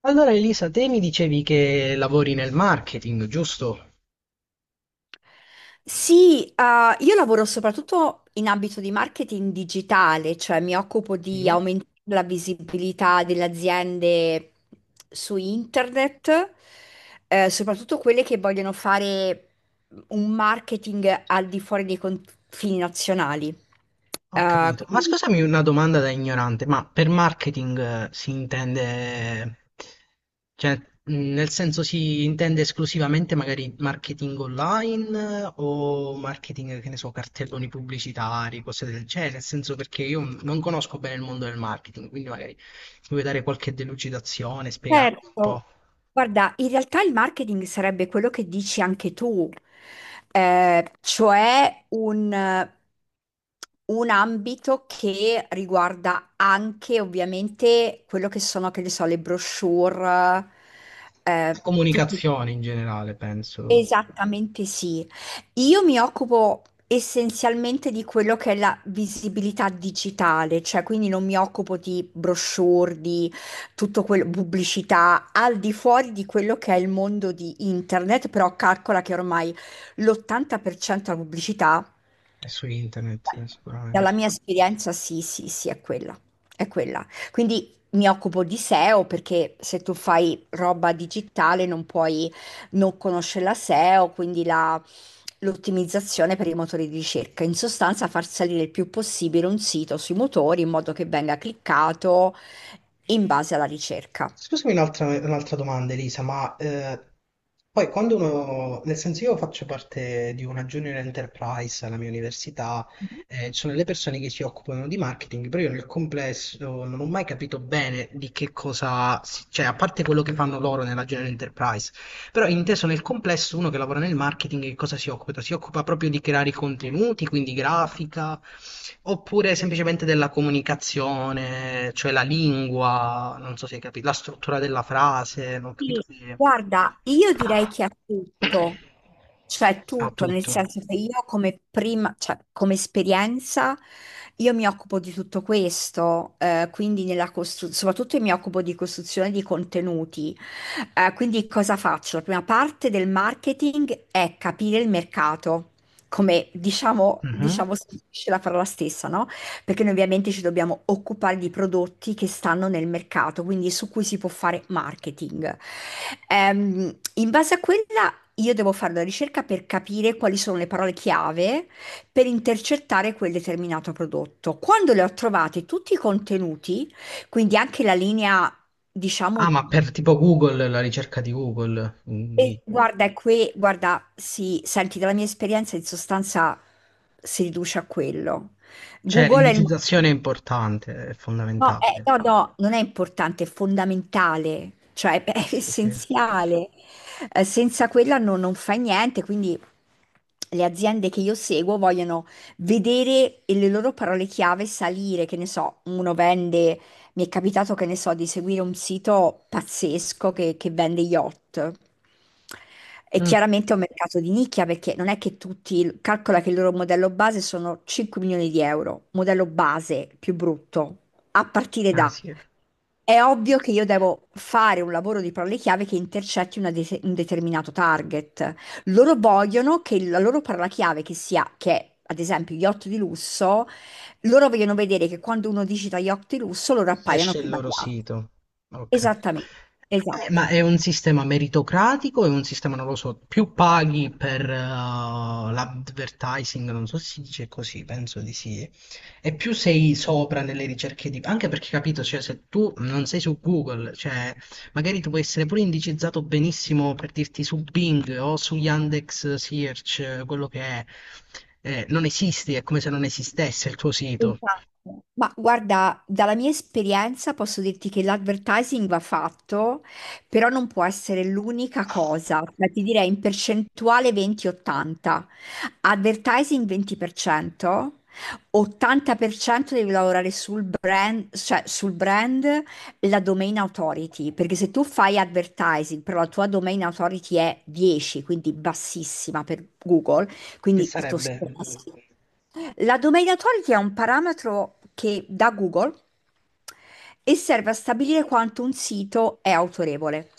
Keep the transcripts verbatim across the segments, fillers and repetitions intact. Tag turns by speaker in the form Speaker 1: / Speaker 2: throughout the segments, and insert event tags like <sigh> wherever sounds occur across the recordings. Speaker 1: Allora Elisa, te mi dicevi che lavori nel marketing, giusto?
Speaker 2: Sì, eh, io lavoro soprattutto in ambito di marketing digitale, cioè mi occupo
Speaker 1: Sì.
Speaker 2: di aumentare la visibilità delle aziende su internet, eh, soprattutto quelle che vogliono fare un marketing al di fuori dei confini nazionali.
Speaker 1: Ho
Speaker 2: Eh,
Speaker 1: capito. Ma
Speaker 2: quindi
Speaker 1: scusami una domanda da ignorante, ma per marketing eh, si intende, cioè, mh, nel senso si intende esclusivamente magari marketing online eh, o marketing, che ne so, cartelloni pubblicitari, cose del genere, nel senso perché io non conosco bene il mondo del marketing, quindi magari mi vuoi dare qualche delucidazione, spiegarmi un po'.
Speaker 2: Certo, guarda, in realtà il marketing sarebbe quello che dici anche tu, eh, cioè un, un ambito che riguarda anche ovviamente quello che sono, che ne so, le brochure,
Speaker 1: La
Speaker 2: eh, tutto.
Speaker 1: comunicazione in generale, penso.
Speaker 2: Esattamente, sì. Io mi occupo essenzialmente di quello che è la visibilità digitale, cioè quindi non mi occupo di brochure, di tutto quello, pubblicità, al di fuori di quello che è il mondo di internet, però calcola che ormai l'ottanta per cento della pubblicità,
Speaker 1: È su internet, eh,
Speaker 2: dalla
Speaker 1: sicuramente.
Speaker 2: mia esperienza, sì, sì, sì, è quella, è quella. Quindi mi occupo di seo, perché se tu fai roba digitale non puoi non conoscere la S E O, quindi la- l'ottimizzazione per i motori di ricerca. In sostanza, far salire il più possibile un sito sui motori in modo che venga cliccato in base alla ricerca.
Speaker 1: Scusami un'altra un'altra domanda, Elisa, ma eh, poi quando uno, nel senso io faccio parte di una junior enterprise alla mia università, eh, ci sono le persone che si occupano di marketing, però io nel complesso non ho mai capito bene di che cosa, si- cioè a parte quello che fanno loro nella junior enterprise, però inteso nel complesso, uno che lavora nel marketing, che cosa si occupa? Si occupa proprio di creare i contenuti, quindi grafica, oppure semplicemente della comunicazione, cioè la lingua, non so se hai capito, la struttura della frase, non ho capito
Speaker 2: Sì,
Speaker 1: se...
Speaker 2: guarda, io direi che ha tutto,
Speaker 1: <coughs>
Speaker 2: cioè
Speaker 1: Ha
Speaker 2: tutto, nel
Speaker 1: tutto.
Speaker 2: senso che io come prima, cioè come esperienza, io mi occupo di tutto questo, eh, quindi nella costru- soprattutto mi occupo di costruzione di contenuti. Eh, quindi cosa faccio? La prima parte del marketing è capire il mercato, come diciamo,
Speaker 1: Mhm.
Speaker 2: diciamo, si dice la parola stessa, no? Perché noi ovviamente ci dobbiamo occupare di prodotti che stanno nel mercato, quindi su cui si può fare marketing. Ehm, in base a quella io devo fare una ricerca per capire quali sono le parole chiave per intercettare quel determinato prodotto. Quando le ho trovate tutti i contenuti, quindi anche la linea,
Speaker 1: Ah,
Speaker 2: diciamo,
Speaker 1: ma per tipo Google, la ricerca di Google, mm, di-
Speaker 2: e guarda, è qui, guarda, sì, senti, dalla mia esperienza in sostanza si riduce a quello.
Speaker 1: cioè
Speaker 2: Google è il...
Speaker 1: l'indicizzazione è importante, è
Speaker 2: No, eh,
Speaker 1: fondamentale.
Speaker 2: no, no, non è importante, è fondamentale, cioè <laughs> è
Speaker 1: Sì, sì.
Speaker 2: essenziale. Eh, senza quella non, non fai niente, quindi le aziende che io seguo vogliono vedere e le loro parole chiave salire, che ne so, uno vende, mi è capitato che ne so di seguire un sito pazzesco che, che vende yacht. E
Speaker 1: Mm,
Speaker 2: chiaramente è un mercato di nicchia, perché non è che tutti, calcola che il loro modello base sono cinque milioni di euro, modello base più brutto a partire
Speaker 1: ah,
Speaker 2: da,
Speaker 1: sì.
Speaker 2: è ovvio che io devo fare un lavoro di parole chiave che intercetti una de- un determinato target. Loro vogliono che la loro parola chiave che sia, che è, ad esempio yacht di lusso, loro vogliono vedere che quando uno digita yacht di lusso loro appaiano
Speaker 1: Esce il
Speaker 2: prima di
Speaker 1: loro
Speaker 2: altri.
Speaker 1: sito. Ok.
Speaker 2: Esattamente,
Speaker 1: Eh,
Speaker 2: esatto.
Speaker 1: ma è un sistema meritocratico? È un sistema, non lo so, più paghi per eh, l'advertising, non so se si dice così, penso di sì. E più sei sopra nelle ricerche di... Anche perché, capito, cioè, se tu non sei su Google, cioè, magari tu puoi essere pure indicizzato benissimo per dirti su Bing o su Yandex Search, eh, quello che è. Eh, non esisti, è come se non esistesse il tuo sito.
Speaker 2: Esatto. Ma guarda, dalla mia esperienza posso dirti che l'advertising va fatto, però non può essere l'unica cosa. Cioè, ti direi in percentuale venti ottanta. Advertising venti per cento, ottanta per cento devi lavorare sul brand, cioè sul brand, la domain authority, perché se tu fai advertising, però la tua domain authority è dieci, quindi bassissima per Google,
Speaker 1: Che
Speaker 2: quindi il tuo sito è
Speaker 1: sarebbe?
Speaker 2: bassissimo. La domain authority è un parametro che dà Google e serve a stabilire quanto un sito è autorevole.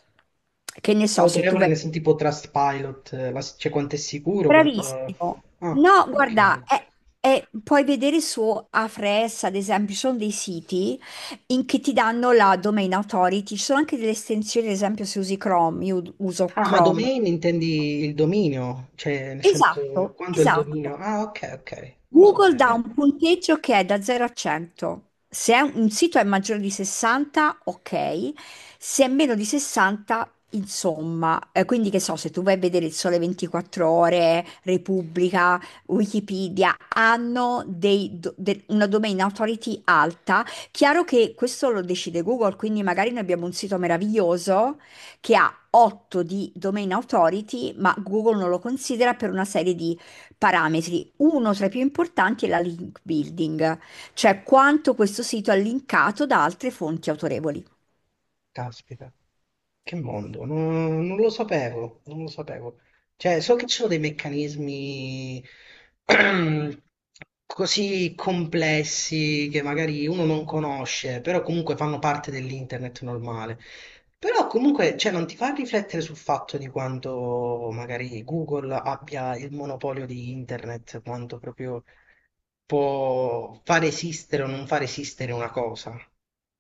Speaker 2: Che ne so, se tu
Speaker 1: Autorevole
Speaker 2: vai...
Speaker 1: nel senso tipo Trustpilot, eh, la- cioè quanto è sicuro, quanto...
Speaker 2: Bravissimo.
Speaker 1: Ah,
Speaker 2: No, guarda,
Speaker 1: ok.
Speaker 2: è- è- puoi vedere su Ahrefs, ad esempio, ci sono dei siti in che ti danno la domain authority, ci sono anche delle estensioni, ad esempio se usi Chrome, io uso
Speaker 1: Ah, ma
Speaker 2: Chrome.
Speaker 1: domain intendi il dominio, cioè nel senso
Speaker 2: Esatto,
Speaker 1: quanto è il
Speaker 2: esatto.
Speaker 1: dominio? Ah, ok, ok. Non lo
Speaker 2: Google dà
Speaker 1: sapevo.
Speaker 2: un punteggio che è da zero a cento. Se è un un sito è maggiore di sessanta, ok. Se è meno di sessanta, insomma. Eh, quindi che so, se tu vai a vedere il Sole ventiquattro Ore, Repubblica, Wikipedia, hanno dei do- de- una domain authority alta. Chiaro che questo lo decide Google, quindi magari noi abbiamo un sito meraviglioso che ha otto di domain authority, ma Google non lo considera per una serie di parametri. Uno tra i più importanti è la link building, cioè quanto questo sito è linkato da altre fonti autorevoli.
Speaker 1: Caspita. Che mondo? Non, non lo sapevo, non lo sapevo. Cioè, so che ci sono dei meccanismi <clears throat> così complessi che magari uno non conosce, però comunque fanno parte dell'internet normale. Però comunque, cioè, non ti fa riflettere sul fatto di quanto magari Google abbia il monopolio di internet, quanto proprio può far esistere o non far esistere una cosa.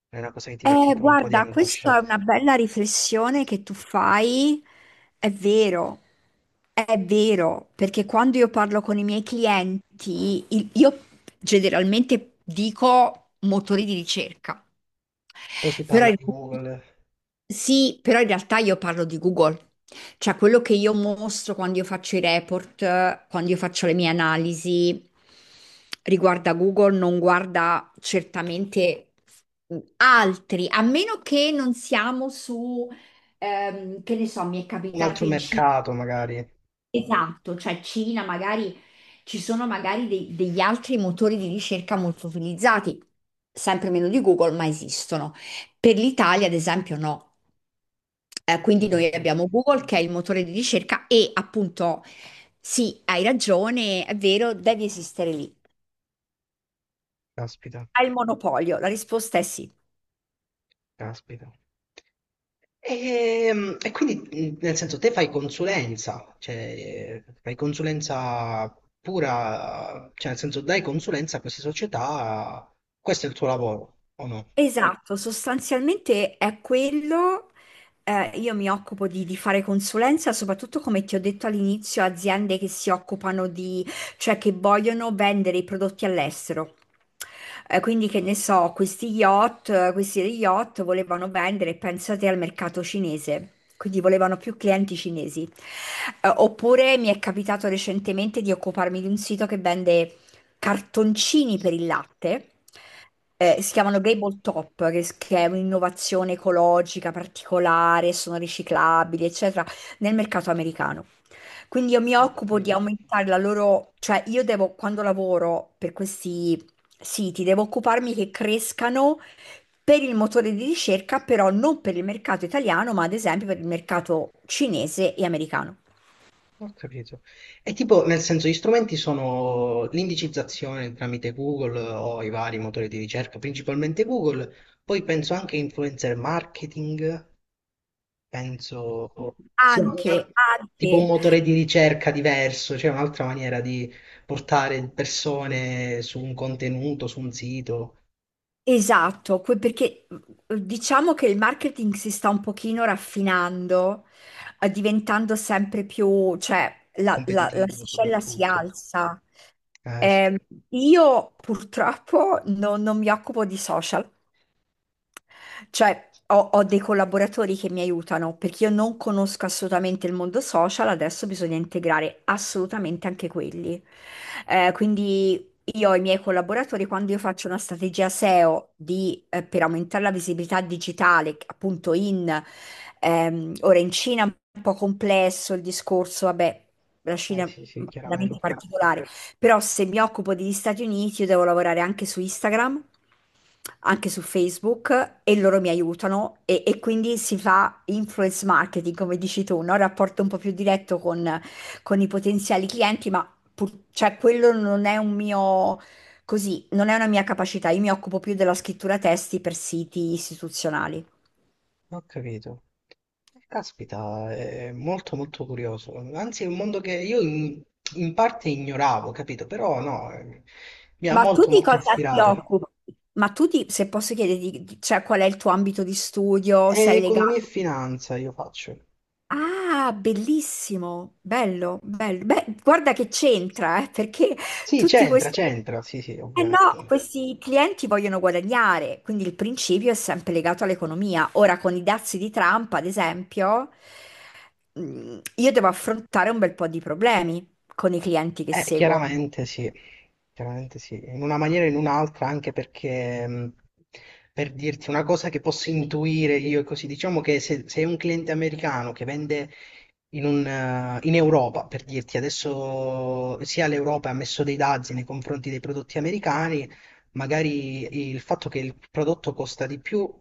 Speaker 1: È una cosa che ti mette
Speaker 2: Eh,
Speaker 1: pure un po' di
Speaker 2: guarda, questa
Speaker 1: angoscia.
Speaker 2: è una bella riflessione che tu fai. È vero, è vero, perché quando io parlo con i miei clienti, il- io generalmente dico motori di ricerca,
Speaker 1: Però si
Speaker 2: però
Speaker 1: parla
Speaker 2: in
Speaker 1: di Google.
Speaker 2: sì, però in realtà io parlo di Google, cioè quello che io mostro quando io faccio i report, eh, quando io faccio le mie analisi riguarda Google, non guarda certamente mm, altri, a meno che non siamo su, ehm, che ne so, mi è
Speaker 1: Un
Speaker 2: capitato
Speaker 1: altro
Speaker 2: in Cina,
Speaker 1: mercato magari. Ho
Speaker 2: esatto, cioè Cina, magari ci sono magari dei- degli altri motori di ricerca molto utilizzati, sempre meno di Google, ma esistono. Per l'Italia, ad esempio, no. Eh, quindi noi
Speaker 1: capito.
Speaker 2: abbiamo Google che è il motore di ricerca e appunto sì, hai ragione, è vero, deve esistere lì.
Speaker 1: Caspita,
Speaker 2: Ha il monopolio, la risposta è sì.
Speaker 1: caspita. E, e quindi, mh, nel senso, te fai consulenza, cioè fai consulenza pura, cioè nel senso dai consulenza a queste società, questo è il tuo lavoro, o no?
Speaker 2: Esatto, sostanzialmente è quello. Eh, io mi occupo di, di fare consulenza, soprattutto come ti ho detto all'inizio, aziende che si occupano di, cioè che vogliono vendere i prodotti all'estero. Eh, quindi, che ne so, questi yacht, eh, questi yacht volevano vendere, pensate al mercato cinese. Quindi volevano più clienti cinesi. Eh, oppure mi è capitato recentemente di occuparmi di un sito che vende cartoncini per il latte, eh, si chiamano Gable Top, che, s- che è un'innovazione ecologica particolare, sono riciclabili, eccetera, nel mercato americano. Quindi io mi
Speaker 1: Ho
Speaker 2: occupo di
Speaker 1: capito.
Speaker 2: aumentare la loro, cioè io devo, quando lavoro per questi siti, devo occuparmi che crescano per il motore di ricerca, però non per il mercato italiano, ma ad esempio per il mercato cinese e americano.
Speaker 1: Ho capito. E tipo, nel senso, gli strumenti sono l'indicizzazione tramite Google o i vari motori di ricerca, principalmente Google, poi penso anche influencer marketing, penso sia un al-
Speaker 2: Anche,
Speaker 1: tipo un
Speaker 2: anche.
Speaker 1: motore di ricerca diverso, cioè un'altra maniera di portare persone su un contenuto, su un sito
Speaker 2: Esatto, que- perché mh, diciamo che il marketing si sta un pochino raffinando, eh, diventando sempre più, cioè la, la- la
Speaker 1: competitivo
Speaker 2: scella si
Speaker 1: soprattutto.
Speaker 2: alza.
Speaker 1: Eh sì,
Speaker 2: Ehm, io purtroppo non non mi occupo di social. Cioè, ho, ho dei collaboratori che mi aiutano, perché io non conosco assolutamente il mondo social, adesso bisogna integrare assolutamente anche quelli. Eh, quindi io ho i miei collaboratori, quando io faccio una strategia seo di, eh, per aumentare la visibilità digitale, appunto in, ehm, ora in Cina è un po' complesso il discorso, vabbè, la
Speaker 1: eh,
Speaker 2: Cina è
Speaker 1: sì, sì,
Speaker 2: veramente
Speaker 1: chiaramente.
Speaker 2: particolare. Però se mi occupo degli Stati Uniti, io devo lavorare anche su Instagram, anche su Facebook e loro mi aiutano e, e quindi si fa influence marketing, come dici tu, no? Rapporto un po' più diretto con, con i potenziali clienti, ma pur- cioè, quello non è un mio, così, non è una mia capacità. Io mi occupo più della scrittura testi per siti istituzionali.
Speaker 1: Ho capito. Eh, Caspita, è molto molto curioso. Anzi, è un mondo che io in, in parte ignoravo, capito? Però no, eh, mi ha
Speaker 2: Ma tu
Speaker 1: molto
Speaker 2: di
Speaker 1: molto
Speaker 2: cosa ti
Speaker 1: ispirato.
Speaker 2: occupi? Ma tu, ti- se posso chiederti, di- cioè, qual è il tuo ambito di studio?
Speaker 1: È
Speaker 2: Sei
Speaker 1: economia e
Speaker 2: legato?
Speaker 1: finanza io faccio.
Speaker 2: Ah, bellissimo, bello, bello. Beh, guarda che c'entra, eh, perché
Speaker 1: Sì,
Speaker 2: tutti
Speaker 1: c'entra,
Speaker 2: questi...
Speaker 1: c'entra, sì, sì,
Speaker 2: Eh no,
Speaker 1: ovviamente.
Speaker 2: questi clienti vogliono guadagnare, quindi il principio è sempre legato all'economia. Ora, con i dazi di Trump, ad esempio, mh, io devo affrontare un bel po' di problemi con i clienti che
Speaker 1: Eh,
Speaker 2: seguo.
Speaker 1: chiaramente sì, chiaramente sì, in una maniera o in un'altra, anche perché, mh, per dirti una cosa che posso intuire io, e così, diciamo che se, se è un cliente americano che vende in, un, eh, in Europa, per dirti, adesso sia l'Europa ha messo dei dazi nei confronti dei prodotti americani, magari il fatto che il prodotto costa di più,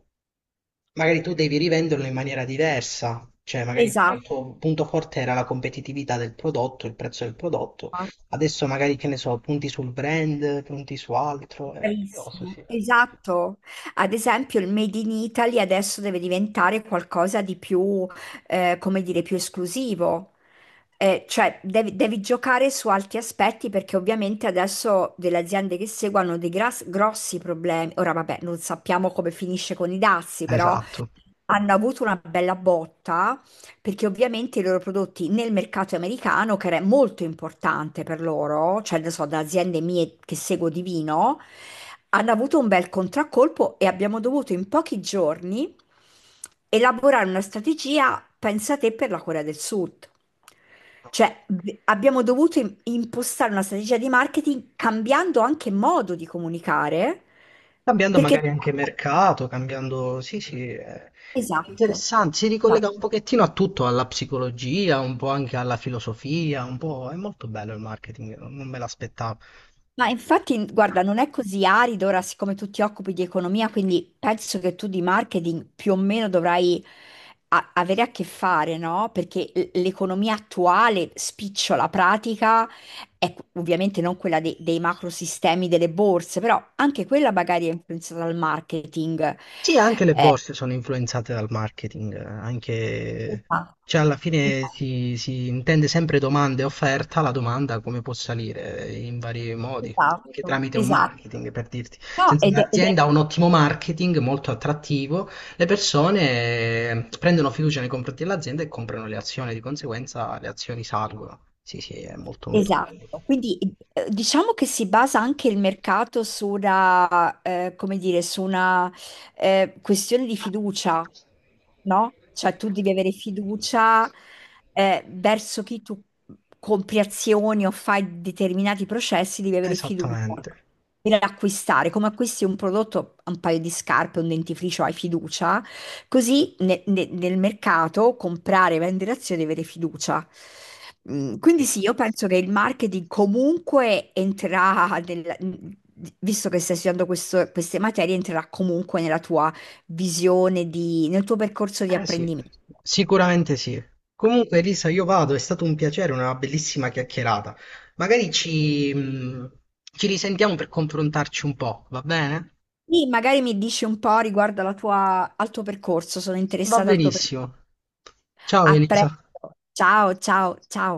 Speaker 1: magari tu devi rivenderlo in maniera diversa, cioè magari il
Speaker 2: Esatto,
Speaker 1: tuo punto forte era la competitività del prodotto, il prezzo del prodotto, adesso magari che ne so, punti sul brand, punti su altro, è grosso,
Speaker 2: bravissimo,
Speaker 1: sì.
Speaker 2: esatto. Ad esempio, il Made in Italy adesso deve diventare qualcosa di più, eh, come dire, più esclusivo. Eh, cioè, devi, devi giocare su altri aspetti, perché ovviamente adesso delle aziende che seguono dei gras- grossi problemi. Ora, vabbè, non sappiamo come finisce con i dazi, però
Speaker 1: Esatto.
Speaker 2: hanno avuto una bella botta perché ovviamente i loro prodotti nel mercato americano, che era molto importante per loro, cioè ne so, da aziende mie che seguo di vino, hanno avuto un bel contraccolpo e abbiamo dovuto in pochi giorni elaborare una strategia, pensa te, per la Corea del Sud. Cioè, v- abbiamo dovuto im- impostare una strategia di marketing cambiando anche modo di comunicare,
Speaker 1: Cambiando
Speaker 2: perché...
Speaker 1: magari anche mercato, cambiando... Sì, sì, è
Speaker 2: Esatto.
Speaker 1: interessante, si ricollega un pochettino a tutto, alla psicologia, un po' anche alla filosofia, un po'... È molto bello il marketing, non me l'aspettavo.
Speaker 2: Ma infatti, guarda, non è così arido ora, siccome tu ti occupi di economia, quindi penso che tu di marketing più o meno dovrai a- avere a che fare, no? Perché l- l'economia attuale, spicciola pratica, è qu- ovviamente non quella dei, dei macrosistemi delle borse, però anche quella magari è influenzata dal marketing.
Speaker 1: Sì, anche le
Speaker 2: Eh,
Speaker 1: borse sono influenzate dal marketing, eh, anche... Cioè,
Speaker 2: esatto,
Speaker 1: alla fine
Speaker 2: esatto,
Speaker 1: si, si intende sempre domanda e offerta, la domanda come può salire eh, in vari modi, anche
Speaker 2: esatto.
Speaker 1: tramite un
Speaker 2: Esatto.
Speaker 1: marketing, per dirti.
Speaker 2: No,
Speaker 1: Senza
Speaker 2: ed è, ed
Speaker 1: un'azienda ha
Speaker 2: è
Speaker 1: un ottimo marketing, molto attrattivo, le persone eh, prendono fiducia nei confronti dell'azienda e comprano le azioni, di conseguenza le azioni salgono. Sì, sì, è molto molto bello.
Speaker 2: esatto, quindi eh, diciamo che si basa anche il mercato su una, eh, come dire, su una, eh, questione di fiducia, no? Cioè tu devi avere fiducia, eh, verso chi tu compri azioni o fai determinati processi, devi avere fiducia
Speaker 1: Esattamente.
Speaker 2: per acquistare. Come acquisti un prodotto, un paio di scarpe, un dentifricio, hai fiducia. Così ne- ne- nel mercato comprare e vendere azioni e avere fiducia. Mm,
Speaker 1: Ho
Speaker 2: Quindi sì,
Speaker 1: capito.
Speaker 2: io penso che il marketing comunque entrerà, nel- visto che stai studiando questo- queste materie, entrerà comunque nella tua visione, di, nel tuo percorso di
Speaker 1: Eh sì,
Speaker 2: apprendimento.
Speaker 1: sicuramente sì. Comunque, Elisa, io vado, è stato un piacere, una bellissima chiacchierata. Magari ci, mh, ci risentiamo per confrontarci un po', va bene?
Speaker 2: Sì, magari mi dici un po' riguardo alla tua- al tuo percorso, sono
Speaker 1: Va
Speaker 2: interessata al tuo percorso.
Speaker 1: benissimo. Ciao
Speaker 2: A
Speaker 1: Elisa.
Speaker 2: presto, ciao, ciao, ciao.